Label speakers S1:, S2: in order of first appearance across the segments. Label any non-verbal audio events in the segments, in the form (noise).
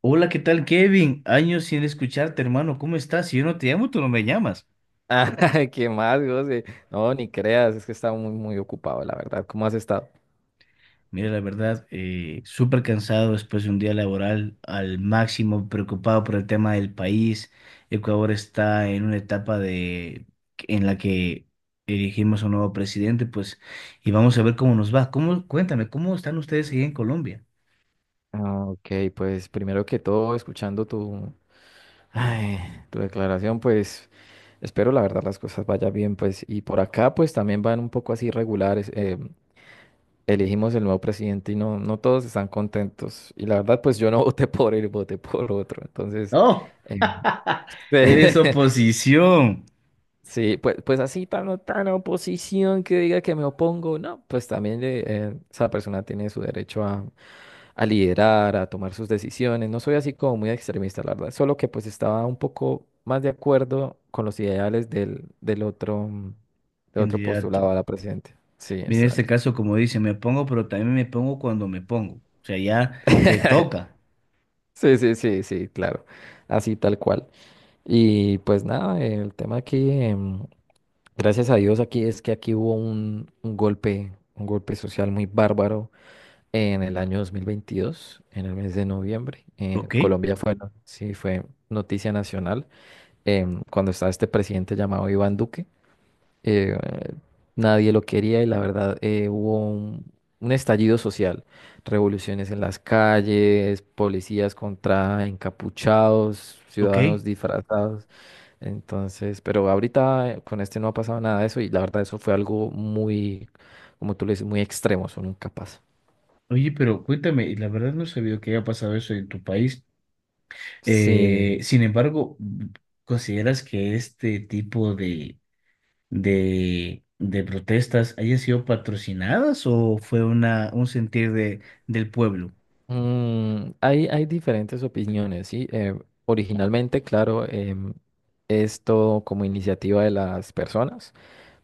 S1: Hola, ¿qué tal, Kevin? Años sin escucharte, hermano. ¿Cómo estás? Si yo no te llamo, tú no me llamas.
S2: Ah, (laughs) ¿Qué más, José? No, ni creas, es que estaba muy, muy ocupado, la verdad. ¿Cómo has estado?
S1: Mira, la verdad, súper cansado después de un día laboral al máximo, preocupado por el tema del país. Ecuador está en una etapa en la que elegimos a un nuevo presidente, pues, y vamos a ver cómo nos va. Cuéntame, ¿cómo están ustedes ahí en Colombia?
S2: Ah, ok, pues primero que todo, escuchando tu, ay, tu declaración, pues espero la verdad las cosas vayan bien, pues y por acá pues también van un poco así regulares. Elegimos el nuevo presidente y no, no todos están contentos. Y la verdad pues yo no (laughs) voté por él, voté por otro. Entonces,
S1: ¡Oh! (laughs) Eres
S2: eh, (laughs)
S1: oposición,
S2: sí, pues, pues así tan, tan oposición que diga que me opongo, no, pues también esa persona tiene su derecho a liderar, a tomar sus decisiones. No soy así como muy extremista, la verdad, solo que pues estaba un poco más de acuerdo con los ideales del otro, del otro
S1: candidato.
S2: postulado a la presidenta. Sí,
S1: Mira, en este
S2: exacto.
S1: caso, como dice, me pongo, pero también me pongo cuando me pongo. O sea, ya te
S2: (laughs)
S1: toca.
S2: Sí, sí, sí, sí, claro, así tal cual. Y pues nada, el tema aquí, gracias a Dios aquí es que aquí hubo un golpe social muy bárbaro en el año 2022, en el mes de noviembre.
S1: Ok,
S2: Colombia fue, sí, fue noticia nacional cuando estaba este presidente llamado Iván Duque. eh, Nadie lo quería y la verdad hubo un estallido social, revoluciones en las calles, policías contra encapuchados,
S1: ok.
S2: ciudadanos disfrazados. Entonces, pero ahorita con este no ha pasado nada de eso y la verdad eso fue algo muy, como tú le dices, muy extremo, eso nunca pasa.
S1: Oye, pero cuéntame, y la verdad no sabía que haya pasado eso en tu país.
S2: Sí,
S1: Sin embargo, ¿consideras que este tipo de protestas hayan sido patrocinadas o fue un sentir de, del pueblo?
S2: mm, hay diferentes opiniones, ¿sí? Originalmente, claro, es todo como iniciativa de las personas,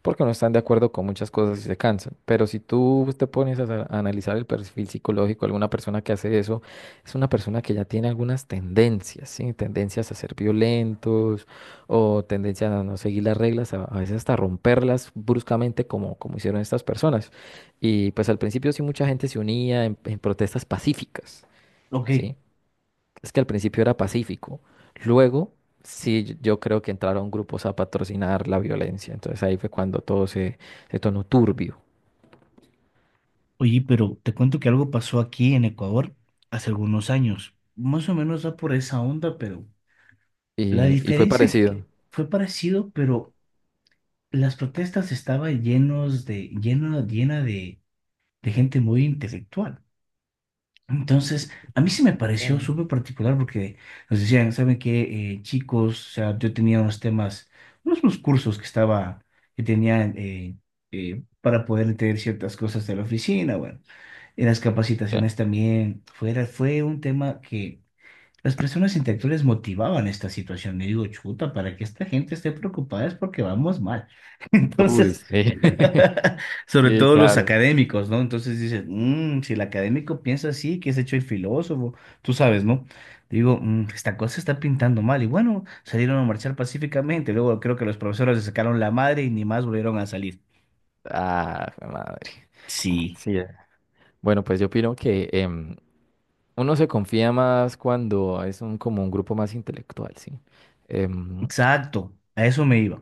S2: porque no están de acuerdo con muchas cosas y se cansan. Pero si tú te pones a, a analizar el perfil psicológico de alguna persona que hace eso, es una persona que ya tiene algunas tendencias, ¿sí? Tendencias a ser violentos o tendencias a no seguir las reglas, a veces hasta romperlas bruscamente como, como hicieron estas personas. Y pues al principio sí mucha gente se unía en protestas pacíficas,
S1: Ok,
S2: ¿sí? Es que al principio era pacífico. Luego sí, yo creo que entraron grupos a patrocinar la violencia. Entonces ahí fue cuando todo se, se tornó turbio
S1: oye, pero te cuento que algo pasó aquí en Ecuador hace algunos años. Más o menos va por esa onda, pero… La
S2: y fue
S1: diferencia que-
S2: parecido.
S1: Fue parecido, pero las protestas estaban llenos de, lleno, llena de gente muy intelectual. Entonces, a mí sí me pareció
S2: Ok.
S1: súper particular porque nos decían: "¿Saben qué, chicos?". O sea, yo tenía unos temas, unos cursos que tenía para poder entender ciertas cosas de la oficina, bueno, en las
S2: Ya.
S1: capacitaciones también. Fue un tema que las personas intelectuales motivaban esta situación. Y digo, chuta, para que esta gente esté preocupada es porque vamos mal. (laughs)
S2: Uy,
S1: Entonces,
S2: sí.
S1: (laughs)
S2: (laughs)
S1: sobre
S2: Sí,
S1: todo los
S2: claro.
S1: académicos, ¿no? Entonces dices: "Mm, si el académico piensa así, que es hecho el filósofo, tú sabes, ¿no?". Digo: "Mm, esta cosa está pintando mal". Y bueno, salieron a marchar pacíficamente. Luego creo que los profesores les sacaron la madre y ni más volvieron a salir.
S2: Ah, jue madre.
S1: Sí,
S2: Sí. Bueno, pues yo opino que uno se confía más cuando es un, como un grupo más intelectual, ¿sí? Em,
S1: exacto. A eso me iba.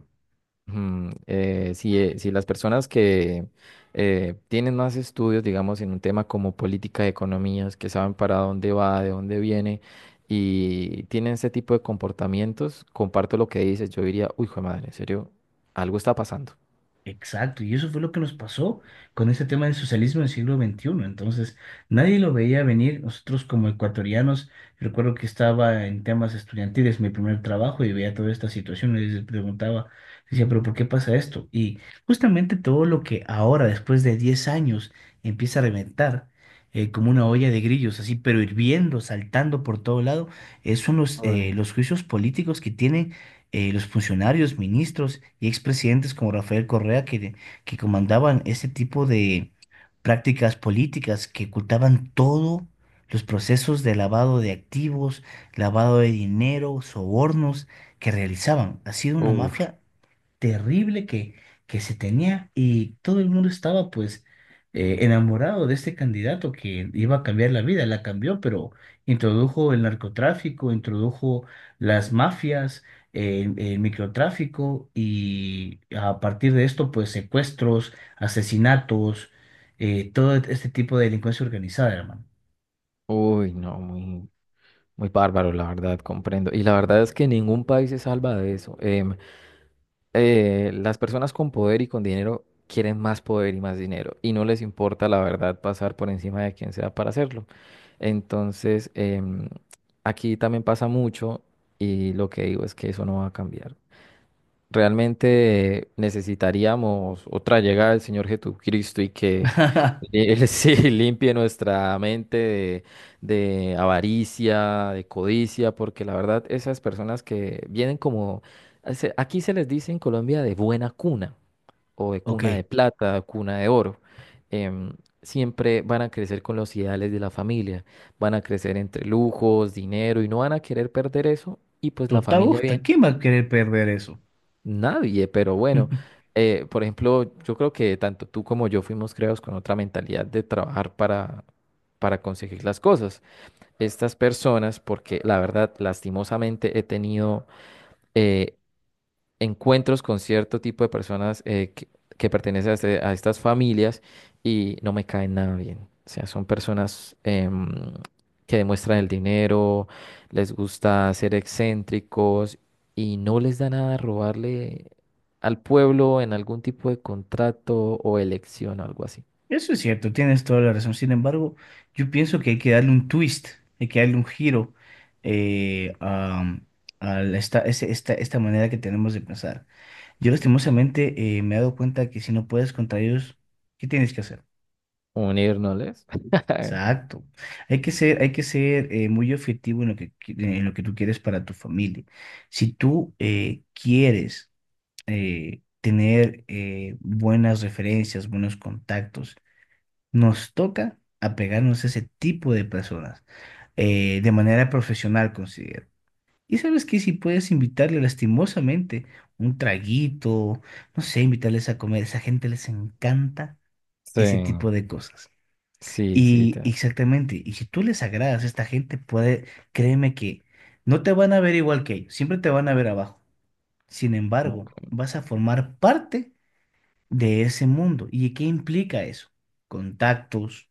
S2: Mm, si, si las personas que tienen más estudios, digamos, en un tema como política de economías, que saben para dónde va, de dónde viene, y tienen ese tipo de comportamientos, comparto lo que dices, yo diría, uy, hijo de madre, en serio, algo está pasando.
S1: Exacto, y eso fue lo que nos pasó con ese tema del socialismo del siglo XXI. Entonces, nadie lo veía venir. Nosotros como ecuatorianos, recuerdo que estaba en temas estudiantiles, mi primer trabajo, y veía toda esta situación y les preguntaba, decía, pero ¿por qué pasa esto? Y justamente todo lo que ahora, después de 10 años, empieza a reventar como una olla de grillos, así, pero hirviendo, saltando por todo lado, son
S2: Uy,
S1: los juicios políticos que tienen los funcionarios, ministros y expresidentes como Rafael Correa que comandaban este tipo de prácticas políticas que ocultaban todo los procesos de lavado de activos, lavado de dinero, sobornos que realizaban. Ha sido una
S2: uf,
S1: mafia terrible que se tenía y todo el mundo estaba pues enamorado de este candidato que iba a cambiar la vida, la cambió, pero introdujo el narcotráfico, introdujo las mafias, el microtráfico, y a partir de esto pues secuestros, asesinatos, todo este tipo de delincuencia organizada, hermano.
S2: uy, no, muy, muy bárbaro, la verdad, comprendo. Y la verdad es que ningún país se salva de eso. Las personas con poder y con dinero quieren más poder y más dinero y no les importa la verdad pasar por encima de quien sea para hacerlo. Entonces, aquí también pasa mucho y lo que digo es que eso no va a cambiar. Realmente necesitaríamos otra llegada del Señor Jesucristo y que
S1: (laughs)
S2: Él (laughs) sí limpie nuestra mente de avaricia, de codicia, porque la verdad esas personas que vienen como, aquí se les dice en Colombia de buena cuna o de
S1: Ok,
S2: cuna de plata, cuna de oro, em, siempre van a crecer con los ideales de la familia, van a crecer entre lujos, dinero y no van a querer perder eso y pues la
S1: total,
S2: familia
S1: gusta,
S2: viene.
S1: ¿quién va a querer perder eso?
S2: Nadie, pero bueno,
S1: (laughs)
S2: por ejemplo, yo creo que tanto tú como yo fuimos creados con otra mentalidad de trabajar para conseguir las cosas. Estas personas, porque la verdad, lastimosamente he tenido eh, encuentros con cierto tipo de personas que pertenecen a, a estas familias y no me caen nada bien. O sea, son personas que demuestran el dinero, les gusta ser excéntricos y no les da nada robarle al pueblo en algún tipo de contrato o elección o algo así.
S1: Eso es cierto, tienes toda la razón. Sin embargo, yo pienso que hay que darle un twist, hay que darle un giro eh, a, a esta manera que tenemos de pensar. Yo lastimosamente me he dado cuenta que si no puedes contra ellos, ¿qué tienes que hacer?
S2: Unirnos. (laughs)
S1: Exacto. Hay que ser muy objetivo en lo que, qui- en lo que tú quieres para tu familia. Si tú quieres tener buenas referencias, buenos contactos, nos toca apegarnos a ese tipo de personas de manera profesional, considero. Y sabes que si puedes invitarle lastimosamente un traguito, no sé, invitarles a comer, esa gente les encanta
S2: Sí,
S1: ese tipo de cosas.
S2: sí, sí.
S1: Y
S2: te-
S1: exactamente, y si tú les agradas a esta gente, puede, créeme que no te van a ver igual que ellos, siempre te van a ver abajo. Sin embargo,
S2: ok.
S1: vas a formar parte de ese mundo. ¿Y qué implica eso? Contactos,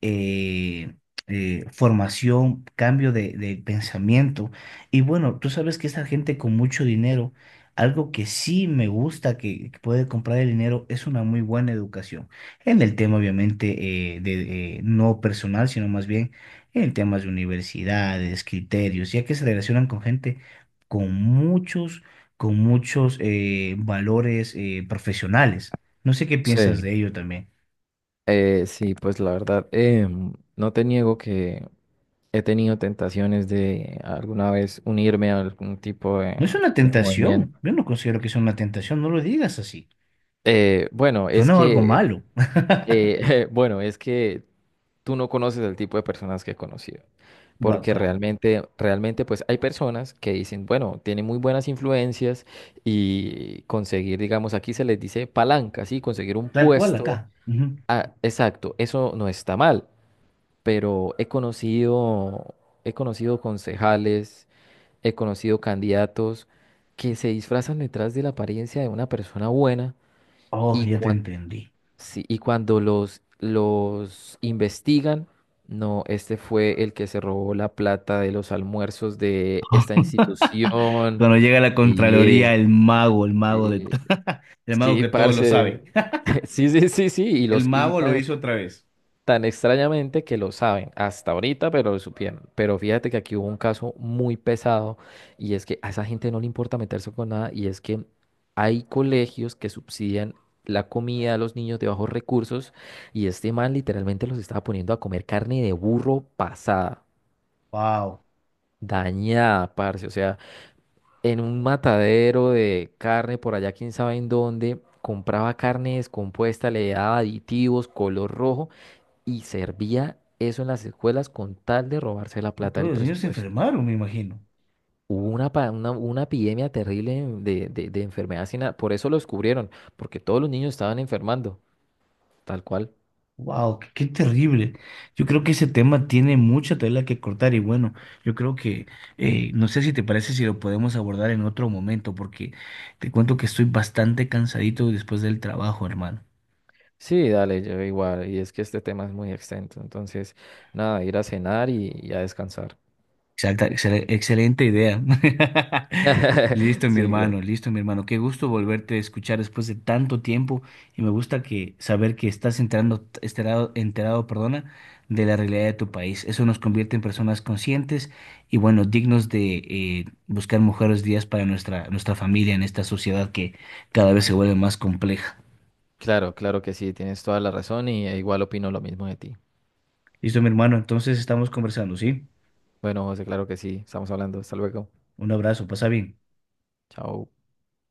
S1: eh, formación, cambio de pensamiento. Y bueno, tú sabes que esta gente con mucho dinero, algo que sí me gusta que puede comprar el dinero es una muy buena educación. En el tema, obviamente, no personal, sino más bien en temas de universidades, criterios, ya que se relacionan con gente con muchos, con muchos valores profesionales. No sé qué piensas
S2: Sí.
S1: de ello también.
S2: Sí, pues la verdad, no te niego que he tenido tentaciones de alguna vez unirme a algún tipo
S1: No es una
S2: de
S1: tentación.
S2: movimiento.
S1: Yo no considero que sea una tentación. No lo digas así.
S2: Bueno, es
S1: Suena algo
S2: que,
S1: malo. (laughs)
S2: (laughs) bueno, es que tú no conoces el tipo de personas que he conocido,
S1: Bueno,
S2: porque
S1: acá.
S2: realmente, realmente, pues hay personas que dicen, bueno, tiene muy buenas influencias y conseguir, digamos, aquí se les dice palanca, sí, conseguir un
S1: Tal cual
S2: puesto,
S1: acá. Ujú.
S2: ah, exacto, eso no está mal, pero he conocido concejales, he conocido candidatos que se disfrazan detrás de la apariencia de una persona buena
S1: Oh,
S2: y,
S1: ya te entendí.
S2: sí, y cuando los investigan, no, este fue el que se robó la plata de los almuerzos de esta
S1: (laughs)
S2: institución.
S1: Cuando llega la
S2: Y,
S1: Contraloría, el mago,
S2: eh,
S1: el mago
S2: sí,
S1: que todo lo sabe.
S2: parce.
S1: (laughs)
S2: (laughs) Sí, sí, sí, sí, y
S1: El
S2: los y
S1: mago lo
S2: tan
S1: hizo otra vez.
S2: tan extrañamente que lo saben hasta ahorita, pero lo supieron. Pero fíjate que aquí hubo un caso muy pesado y es que a esa gente no le importa meterse con nada y es que hay colegios que subsidian la comida a los niños de bajos recursos y este man literalmente los estaba poniendo a comer carne de burro pasada,
S1: Wow.
S2: dañada, parce. O sea, en un matadero de carne por allá, quién sabe en dónde, compraba carne descompuesta, le daba aditivos, color rojo y servía eso en las escuelas con tal de robarse la plata
S1: Todos
S2: del
S1: los niños se
S2: presupuesto.
S1: enfermaron, me imagino.
S2: Hubo una, una epidemia terrible de enfermedad sin por eso lo descubrieron, porque todos los niños estaban enfermando, tal cual.
S1: Wow, qué, qué terrible. Yo creo que ese tema tiene mucha tela que cortar y bueno, yo creo que no sé si te parece si lo podemos abordar en otro momento porque te cuento que estoy bastante cansadito después del trabajo, hermano.
S2: Sí, dale, yo igual, y es que este tema es muy extenso, entonces, nada, ir a cenar y a descansar.
S1: Excelente idea. (laughs)
S2: (laughs)
S1: Listo, mi
S2: Sí,
S1: hermano,
S2: claro.
S1: listo, mi hermano. Qué gusto volverte a escuchar después de tanto tiempo y me gusta que saber que estás enterado, perdona, de la realidad de tu país. Eso nos convierte en personas conscientes y bueno, dignos de buscar mejores días para nuestra familia en esta sociedad que cada vez se vuelve más compleja.
S2: Claro, claro que sí, tienes toda la razón y igual opino lo mismo de ti.
S1: Listo, mi hermano, entonces estamos conversando, ¿sí?
S2: Bueno, José, claro que sí, estamos hablando, hasta luego,
S1: Un abrazo, pasa bien.
S2: chao.